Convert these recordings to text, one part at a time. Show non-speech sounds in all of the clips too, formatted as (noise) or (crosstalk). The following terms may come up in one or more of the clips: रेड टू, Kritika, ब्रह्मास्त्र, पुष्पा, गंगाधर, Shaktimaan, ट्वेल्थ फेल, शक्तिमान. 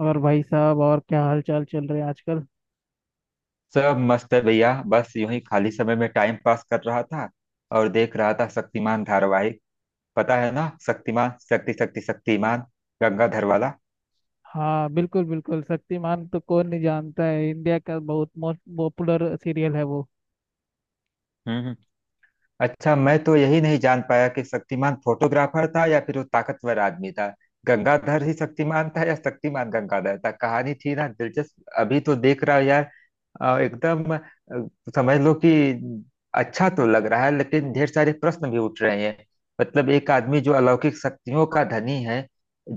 और भाई साहब, और क्या हाल चाल चल रहे हैं आजकल। सब मस्त है भैया। बस यूं ही खाली समय में टाइम पास कर रहा था और देख रहा था शक्तिमान धारावाहिक। पता है ना, शक्तिमान शक्ति शक्ति शक्तिमान गंगाधर वाला। हाँ, बिल्कुल बिल्कुल, शक्तिमान तो कौन नहीं जानता है। इंडिया का बहुत मोस्ट पॉपुलर सीरियल है वो। हम्म हम्म। अच्छा, मैं तो यही नहीं जान पाया कि शक्तिमान फोटोग्राफर था या फिर वो ताकतवर आदमी था। गंगाधर ही शक्तिमान था या शक्तिमान गंगाधर था, कहानी थी ना दिलचस्प, अभी तो देख रहा हूँ यार। एकदम समझ लो कि अच्छा तो लग रहा है, लेकिन ढेर सारे प्रश्न भी उठ रहे हैं। मतलब एक आदमी जो अलौकिक शक्तियों का धनी है,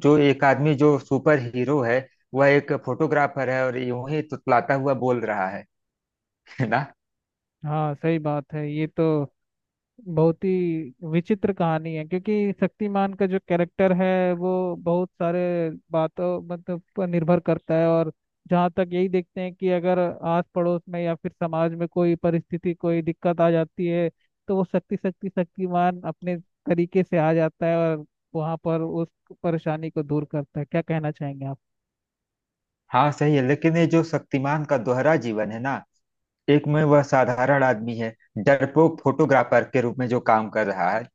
जो एक आदमी जो सुपर हीरो है, वह एक फोटोग्राफर है और यूं ही तुतलाता हुआ बोल रहा है (laughs) है ना। हाँ सही बात है ये तो। बहुत ही विचित्र कहानी है क्योंकि शक्तिमान का जो कैरेक्टर है वो बहुत सारे बातों मतलब पर निर्भर करता है। और जहाँ तक यही देखते हैं कि अगर आस पड़ोस में या फिर समाज में कोई परिस्थिति कोई दिक्कत आ जाती है तो वो शक्ति शक्ति शक्तिमान अपने तरीके से आ जाता है और वहाँ पर उस परेशानी को दूर करता है। क्या कहना चाहेंगे आप। हाँ सही है, लेकिन ये जो शक्तिमान का दोहरा जीवन है ना, एक में वह साधारण आदमी है, डरपोक फोटोग्राफर के रूप में जो काम कर रहा है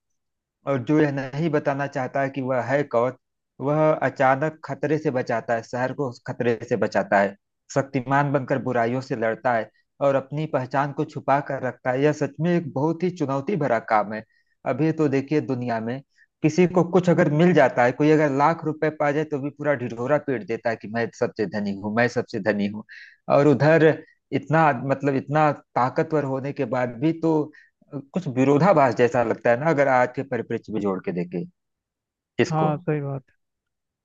और जो यह नहीं बताना चाहता कि वह है कौन। वह अचानक खतरे से बचाता है, शहर को उस खतरे से बचाता है, शक्तिमान बनकर बुराइयों से लड़ता है और अपनी पहचान को छुपा कर रखता है। यह सच में एक बहुत ही चुनौती भरा काम है। अभी तो देखिए, दुनिया में किसी को कुछ अगर मिल जाता है, कोई अगर लाख रुपए पा जाए तो भी पूरा ढिढोरा पीट देता है कि मैं सबसे धनी हूँ, मैं सबसे धनी हूँ। और उधर इतना मतलब इतना ताकतवर होने के बाद भी तो कुछ विरोधाभास जैसा लगता है ना, अगर आज के परिप्रेक्ष्य में जोड़ के देखे इसको। हाँ सही बात,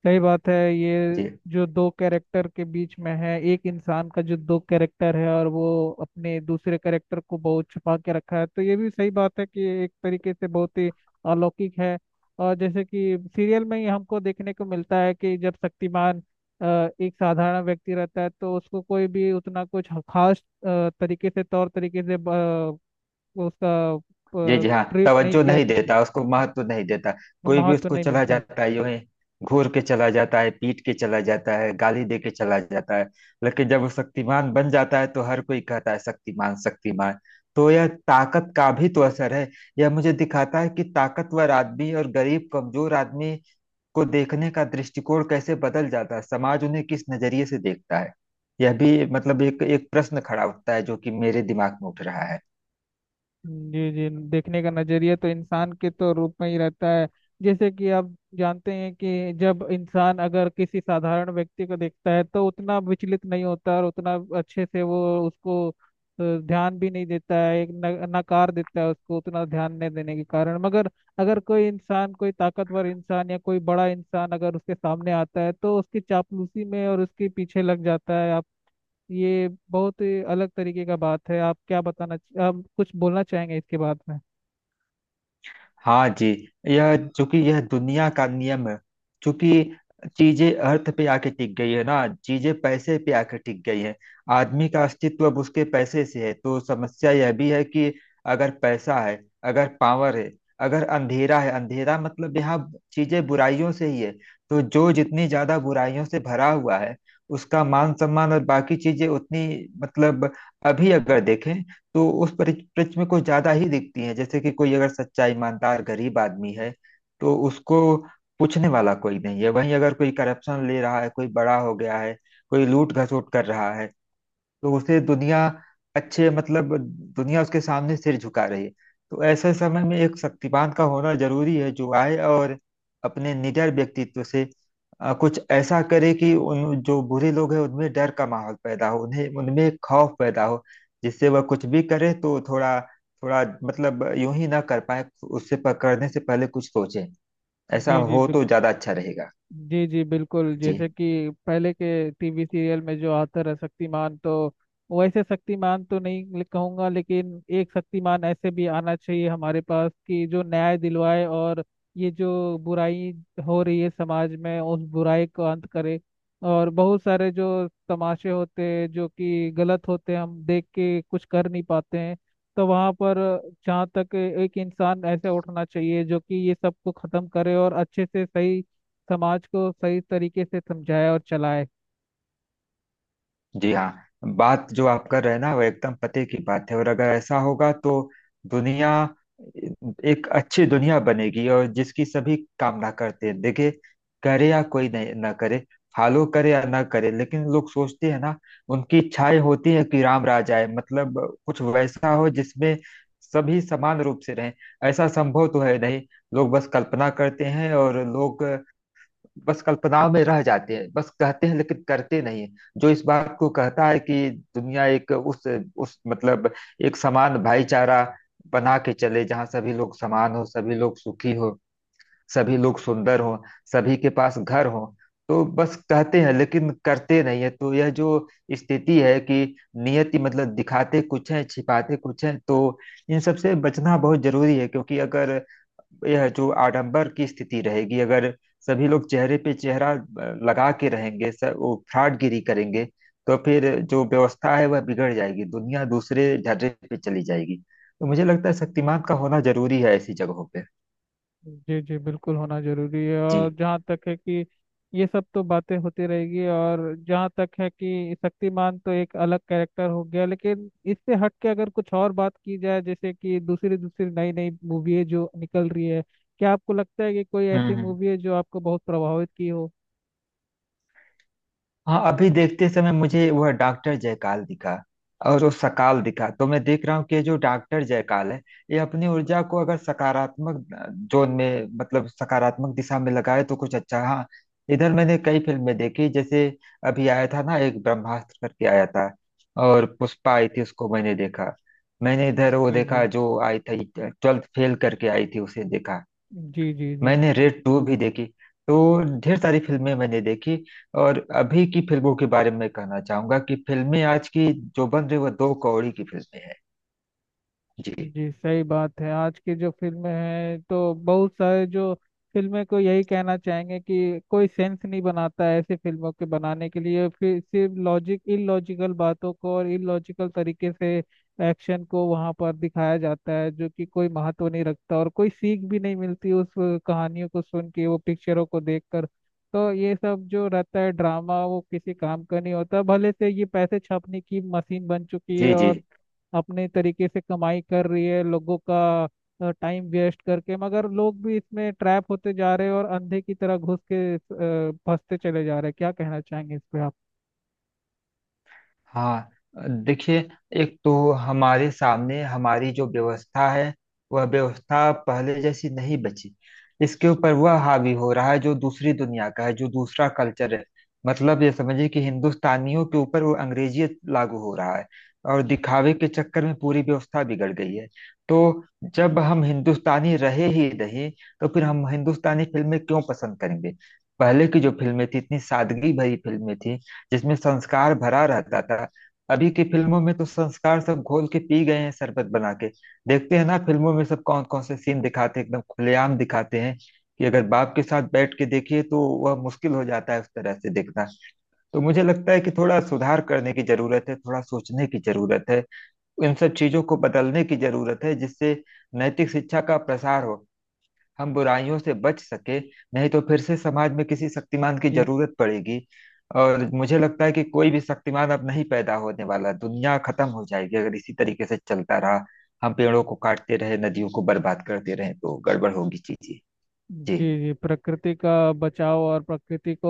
सही बात है ये। जी जो दो कैरेक्टर के बीच में है, एक इंसान का जो दो कैरेक्टर है, और वो अपने दूसरे कैरेक्टर को बहुत छुपा के रखा है। तो ये भी सही बात है कि एक तरीके से बहुत ही अलौकिक है। और जैसे कि सीरियल में ही हमको देखने को मिलता है कि जब शक्तिमान एक साधारण व्यक्ति रहता है तो उसको कोई भी उतना कुछ खास तरीके से तौर तरीके से जी उसका जी हाँ, ट्रीट नहीं तवज्जो किया नहीं कर, देता, उसको महत्व नहीं देता, कोई भी महत्व उसको नहीं चला मिलता है। जाता है यूं ही, घूर के चला जाता है, पीट के चला जाता है, गाली दे के चला जाता है। लेकिन जब वो शक्तिमान बन जाता है तो हर कोई कहता है शक्तिमान शक्तिमान। तो यह ताकत का भी तो असर है। यह मुझे दिखाता है कि ताकतवर आदमी और गरीब कमजोर आदमी को देखने का दृष्टिकोण कैसे बदल जाता है, समाज उन्हें किस नजरिए से देखता है। यह भी मतलब एक एक प्रश्न खड़ा उठता है जो कि मेरे दिमाग में उठ रहा है। जी जी, देखने का नजरिया तो इंसान के तो रूप में ही रहता है। जैसे कि आप जानते हैं कि जब इंसान अगर किसी साधारण व्यक्ति को देखता है तो उतना विचलित नहीं होता और उतना अच्छे से वो उसको ध्यान भी नहीं देता है, एक न, नकार देता है उसको, उतना ध्यान नहीं देने के कारण। मगर अगर कोई इंसान, कोई ताकतवर इंसान या कोई बड़ा इंसान अगर उसके सामने आता है तो उसकी चापलूसी में और उसके पीछे लग जाता है। ये बहुत ही अलग तरीके का बात है। आप क्या बताना, आप कुछ बोलना चाहेंगे इसके बाद में। हाँ जी, यह चूंकि यह दुनिया का नियम है। चूंकि चीजें अर्थ पे आके टिक गई है ना, चीजें पैसे पे आके टिक गई है। आदमी का अस्तित्व अब उसके पैसे से है, तो समस्या यह भी है कि अगर पैसा है, अगर पावर है, अगर अंधेरा है, अंधेरा मतलब यहाँ चीजें बुराइयों से ही है। तो जो जितनी ज्यादा बुराइयों से भरा हुआ है, उसका मान सम्मान और बाकी चीजें उतनी, मतलब अभी अगर देखें तो उस परिप्रेक्ष्य में कुछ ज्यादा ही दिखती है। जैसे कि कोई अगर सच्चा ईमानदार गरीब आदमी है तो उसको पूछने वाला कोई नहीं है, वहीं अगर कोई करप्शन ले रहा है, कोई बड़ा हो गया है, कोई लूट घसोट कर रहा है, तो उसे दुनिया अच्छे मतलब दुनिया उसके सामने सिर झुका रही है। तो ऐसे समय में एक शक्तिमान का होना जरूरी है, जो आए और अपने निडर व्यक्तित्व से कुछ ऐसा करे कि उन जो बुरे लोग हैं उनमें डर का माहौल पैदा हो, उन्हें उनमें खौफ पैदा हो, जिससे वह कुछ भी करे तो थोड़ा थोड़ा मतलब यूं ही ना कर पाए, उससे करने से पहले कुछ सोचे। ऐसा जी जी हो तो बिल्कुल। ज्यादा अच्छा रहेगा। जी जी बिल्कुल, जी जैसे कि पहले के टीवी सीरियल में जो आता रहा शक्तिमान, तो वैसे शक्तिमान तो नहीं कहूंगा, लेकिन एक शक्तिमान ऐसे भी आना चाहिए हमारे पास कि जो न्याय दिलवाए और ये जो बुराई हो रही है समाज में उस बुराई को अंत करे। और बहुत सारे जो तमाशे होते हैं जो कि गलत होते हैं, हम देख के कुछ कर नहीं पाते हैं। तो वहाँ पर जहाँ तक एक इंसान ऐसे उठना चाहिए जो कि ये सब को खत्म करे और अच्छे से सही समाज को सही तरीके से समझाए और चलाए। जी हाँ, बात जो आप कर रहे हैं ना वो एकदम पते की बात है। और अगर ऐसा होगा तो दुनिया एक अच्छी दुनिया बनेगी, और जिसकी सभी कामना करते हैं। देखिए, करे या कोई नहीं ना करे, फॉलो करे या ना करे, लेकिन लोग सोचते हैं ना, उनकी इच्छाएं होती है कि राम राज आए, मतलब कुछ वैसा हो जिसमें सभी समान रूप से रहें। ऐसा संभव तो है नहीं, लोग बस कल्पना करते हैं और लोग बस कल्पनाओं में रह जाते हैं, बस कहते हैं लेकिन करते नहीं हैं। जो इस बात को कहता है कि दुनिया एक उस मतलब एक समान भाईचारा बना के चले, जहाँ सभी लोग समान हो, सभी लोग सुखी हो, सभी लोग सुंदर हो, सभी के पास घर हो, तो बस कहते हैं लेकिन करते नहीं है। तो यह जो स्थिति है कि नियति, मतलब दिखाते कुछ है छिपाते कुछ है, तो इन सब से बचना बहुत जरूरी है, क्योंकि अगर यह जो आडंबर की स्थिति रहेगी, अगर सभी लोग चेहरे पे चेहरा लगा के रहेंगे, सब वो फ्रॉडगिरी करेंगे, तो फिर जो व्यवस्था है वह बिगड़ जाएगी, दुनिया दूसरे झर्रे पे चली जाएगी। तो मुझे लगता है शक्तिमान का होना जरूरी है ऐसी जगहों पे। जी जी बिल्कुल, होना जरूरी है। जी और जहाँ तक है कि ये सब तो बातें होती रहेगी। और जहाँ तक है कि शक्तिमान तो एक अलग कैरेक्टर हो गया, लेकिन इससे हट के अगर कुछ और बात की जाए, जैसे कि दूसरी दूसरी नई नई मूवी है जो निकल रही है, क्या आपको लगता है कि कोई ऐसी हम्म मूवी है जो आपको बहुत प्रभावित की हो। हाँ, अभी देखते समय मुझे वह डॉक्टर जयकाल दिखा और वो सकाल दिखा, तो मैं देख रहा हूँ कि ये जो डॉक्टर जयकाल है, ये अपनी ऊर्जा को अगर सकारात्मक जोन में, मतलब सकारात्मक दिशा में लगाए तो कुछ अच्छा। हाँ, इधर मैंने कई फिल्में देखी, जैसे अभी आया था ना एक ब्रह्मास्त्र करके आया था, और पुष्पा आई थी उसको मैंने देखा, मैंने इधर वो जी जी। देखा जो आई थी ट्वेल्थ फेल करके आई थी उसे देखा, जी जी। जी मैंने रेड टू भी देखी, तो ढेर सारी फिल्में मैंने देखी। और अभी की फिल्मों के बारे में कहना चाहूंगा कि फिल्में आज की जो बन रही, वो दो कौड़ी की फिल्में हैं। जी जी सही बात है। आज की जो फिल्में हैं तो बहुत सारे जो फिल्में को यही कहना चाहेंगे कि कोई सेंस नहीं बनाता है ऐसी फिल्मों के बनाने के लिए। फिर सिर्फ लॉजिक इलॉजिकल बातों को और इलॉजिकल तरीके से एक्शन को वहां पर दिखाया जाता है, जो कि कोई महत्व नहीं रखता और कोई सीख भी नहीं मिलती उस कहानियों को सुन के, वो पिक्चरों को देखकर। तो ये सब जो रहता है ड्रामा वो किसी काम का नहीं होता। भले से ये पैसे छापने की मशीन बन चुकी है जी जी और अपने तरीके से कमाई कर रही है लोगों का टाइम वेस्ट करके। मगर लोग भी इसमें ट्रैप होते जा रहे हैं और अंधे की तरह घुस के फंसते चले जा रहे हैं। क्या कहना चाहेंगे इस पे आप। हाँ, देखिए, एक तो हमारे सामने हमारी जो व्यवस्था है, वह व्यवस्था पहले जैसी नहीं बची। इसके ऊपर वह हावी हो रहा है जो दूसरी दुनिया का है, जो दूसरा कल्चर है। मतलब ये समझिए कि हिंदुस्तानियों के ऊपर वो अंग्रेजियत लागू हो रहा है, और दिखावे के चक्कर में पूरी व्यवस्था बिगड़ गई है। तो जब हम हिंदुस्तानी रहे ही नहीं, तो फिर हम हिंदुस्तानी फिल्में क्यों पसंद करेंगे। पहले की जो फिल्में थी, इतनी सादगी भरी फिल्में थी, जिसमें संस्कार भरा रहता था। अभी की फिल्मों में तो संस्कार सब घोल के पी गए हैं शरबत बना के। देखते हैं ना, फिल्मों में सब कौन कौन से सीन दिखाते हैं, एकदम खुलेआम दिखाते हैं, कि अगर बाप के साथ बैठ के देखिए तो वह मुश्किल हो जाता है उस तरह से देखना। तो मुझे लगता है कि थोड़ा सुधार करने की जरूरत है, थोड़ा सोचने की जरूरत है, इन सब चीजों को बदलने की जरूरत है, जिससे नैतिक शिक्षा का प्रसार हो, हम बुराइयों से बच सके, नहीं तो फिर से समाज में किसी शक्तिमान की जी। जरूरत पड़ेगी। और मुझे लगता है कि कोई भी शक्तिमान अब नहीं पैदा होने वाला, दुनिया खत्म हो जाएगी अगर इसी तरीके से चलता रहा, हम पेड़ों को काटते रहे नदियों को बर्बाद करते रहे तो गड़बड़ होगी चीजें। जी जी। जी प्रकृति का बचाव और प्रकृति को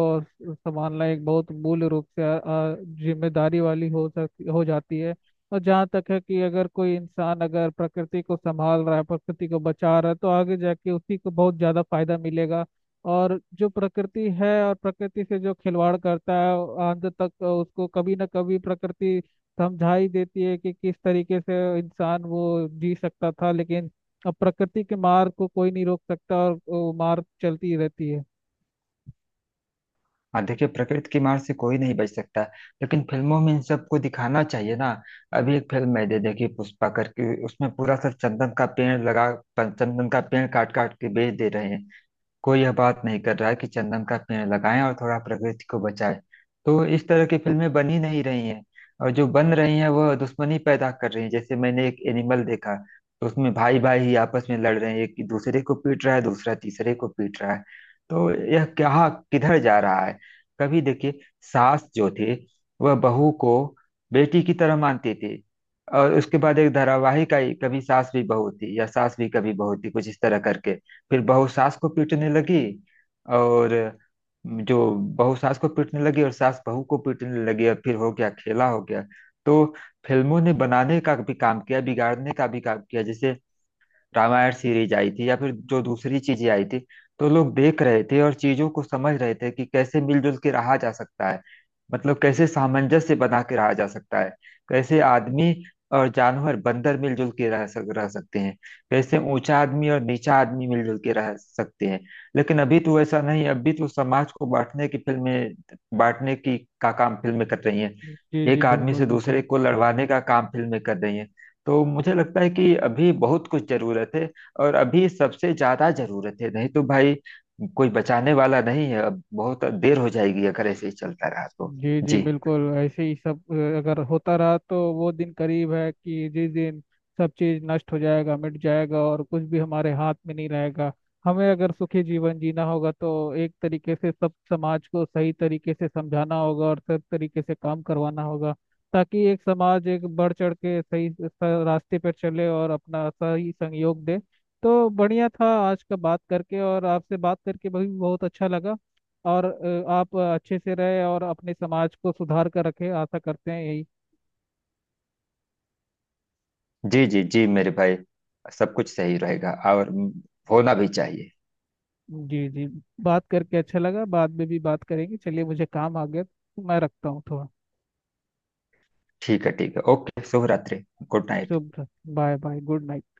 संभालना एक बहुत मूल रूप से जिम्मेदारी वाली हो सकती, हो जाती है। और जहाँ तक है कि अगर कोई इंसान अगर प्रकृति को संभाल रहा है, प्रकृति को बचा रहा है, तो आगे जाके उसी को बहुत ज़्यादा फायदा मिलेगा। और जो प्रकृति है, और प्रकृति से जो खिलवाड़ करता है, अंत तक उसको कभी ना कभी प्रकृति समझा ही देती है कि किस तरीके से इंसान वो जी सकता था। लेकिन अब प्रकृति के मार को कोई नहीं रोक सकता और वो मार चलती ही रहती है। हाँ, देखिए प्रकृति की मार से कोई नहीं बच सकता, लेकिन फिल्मों में इन सबको दिखाना चाहिए ना। अभी एक फिल्म है दे देखिए पुष्पा करके, उसमें पूरा सब चंदन का पेड़ लगा, चंदन का पेड़ काट काट के बेच दे रहे हैं, कोई यह बात नहीं कर रहा है कि चंदन का पेड़ लगाएं और थोड़ा प्रकृति को बचाएं। तो इस तरह की फिल्में बन ही नहीं रही हैं, और जो बन रही हैं वह दुश्मनी पैदा कर रही हैं, जैसे मैंने एक एनिमल देखा, तो उसमें भाई भाई ही आपस में लड़ रहे हैं, एक दूसरे को पीट रहा है, दूसरा तीसरे को पीट रहा है, तो यह क्या किधर जा रहा है। कभी देखिए, सास जो थे वह बहू को बेटी की तरह मानते थे, और उसके बाद एक धारावाहिक आई कभी सास भी बहू थी या सास भी कभी बहू थी कुछ इस तरह करके, फिर बहू सास को पीटने लगी, और जो बहू सास को पीटने लगी और सास बहू को पीटने लगी और फिर हो गया खेला हो गया। तो फिल्मों ने बनाने का भी काम किया, बिगाड़ने का भी काम किया, जैसे रामायण सीरीज आई थी या फिर जो दूसरी चीजें आई थी, तो लोग देख रहे थे और चीजों को समझ रहे थे कि कैसे मिलजुल के रहा जा सकता है, मतलब कैसे सामंजस्य बना के रहा जा सकता है, कैसे आदमी और जानवर बंदर मिलजुल के रह सकते हैं, कैसे ऊंचा आदमी और नीचा आदमी मिलजुल के रह सकते हैं। लेकिन अभी तो ऐसा नहीं है, अभी तो समाज को बांटने की का काम फिल्में कर रही हैं, जी जी एक आदमी बिल्कुल से बिल्कुल। दूसरे को लड़वाने का काम फिल्में कर रही हैं। तो मुझे लगता है कि अभी बहुत कुछ जरूरत है, और अभी सबसे ज्यादा जरूरत है, नहीं तो भाई कोई बचाने वाला नहीं है, अब बहुत देर हो जाएगी अगर ऐसे ही चलता रहा तो। जी जी जी बिल्कुल, ऐसे ही सब अगर होता रहा तो वो दिन करीब है कि जिस दिन सब चीज नष्ट हो जाएगा, मिट जाएगा और कुछ भी हमारे हाथ में नहीं रहेगा। हमें अगर सुखी जीवन जीना होगा तो एक तरीके से सब समाज को सही तरीके से समझाना होगा और सब तरीके से काम करवाना होगा, ताकि एक समाज एक बढ़ चढ़ के सही रास्ते पर चले और अपना सही सहयोग दे। तो बढ़िया था आज का, बात करके, और आपसे बात करके भी बहुत अच्छा लगा। और आप अच्छे से रहे और अपने समाज को सुधार कर रखें, आशा करते हैं यही। जी जी जी मेरे भाई, सब कुछ सही रहेगा और होना भी चाहिए। जी जी। बात करके अच्छा लगा, बाद में भी बात करेंगे। चलिए मुझे काम आ गया तो मैं रखता हूँ थोड़ा। ठीक है ओके, शुभ रात्रि। Good night. शुभ, बाय बाय, गुड नाइट।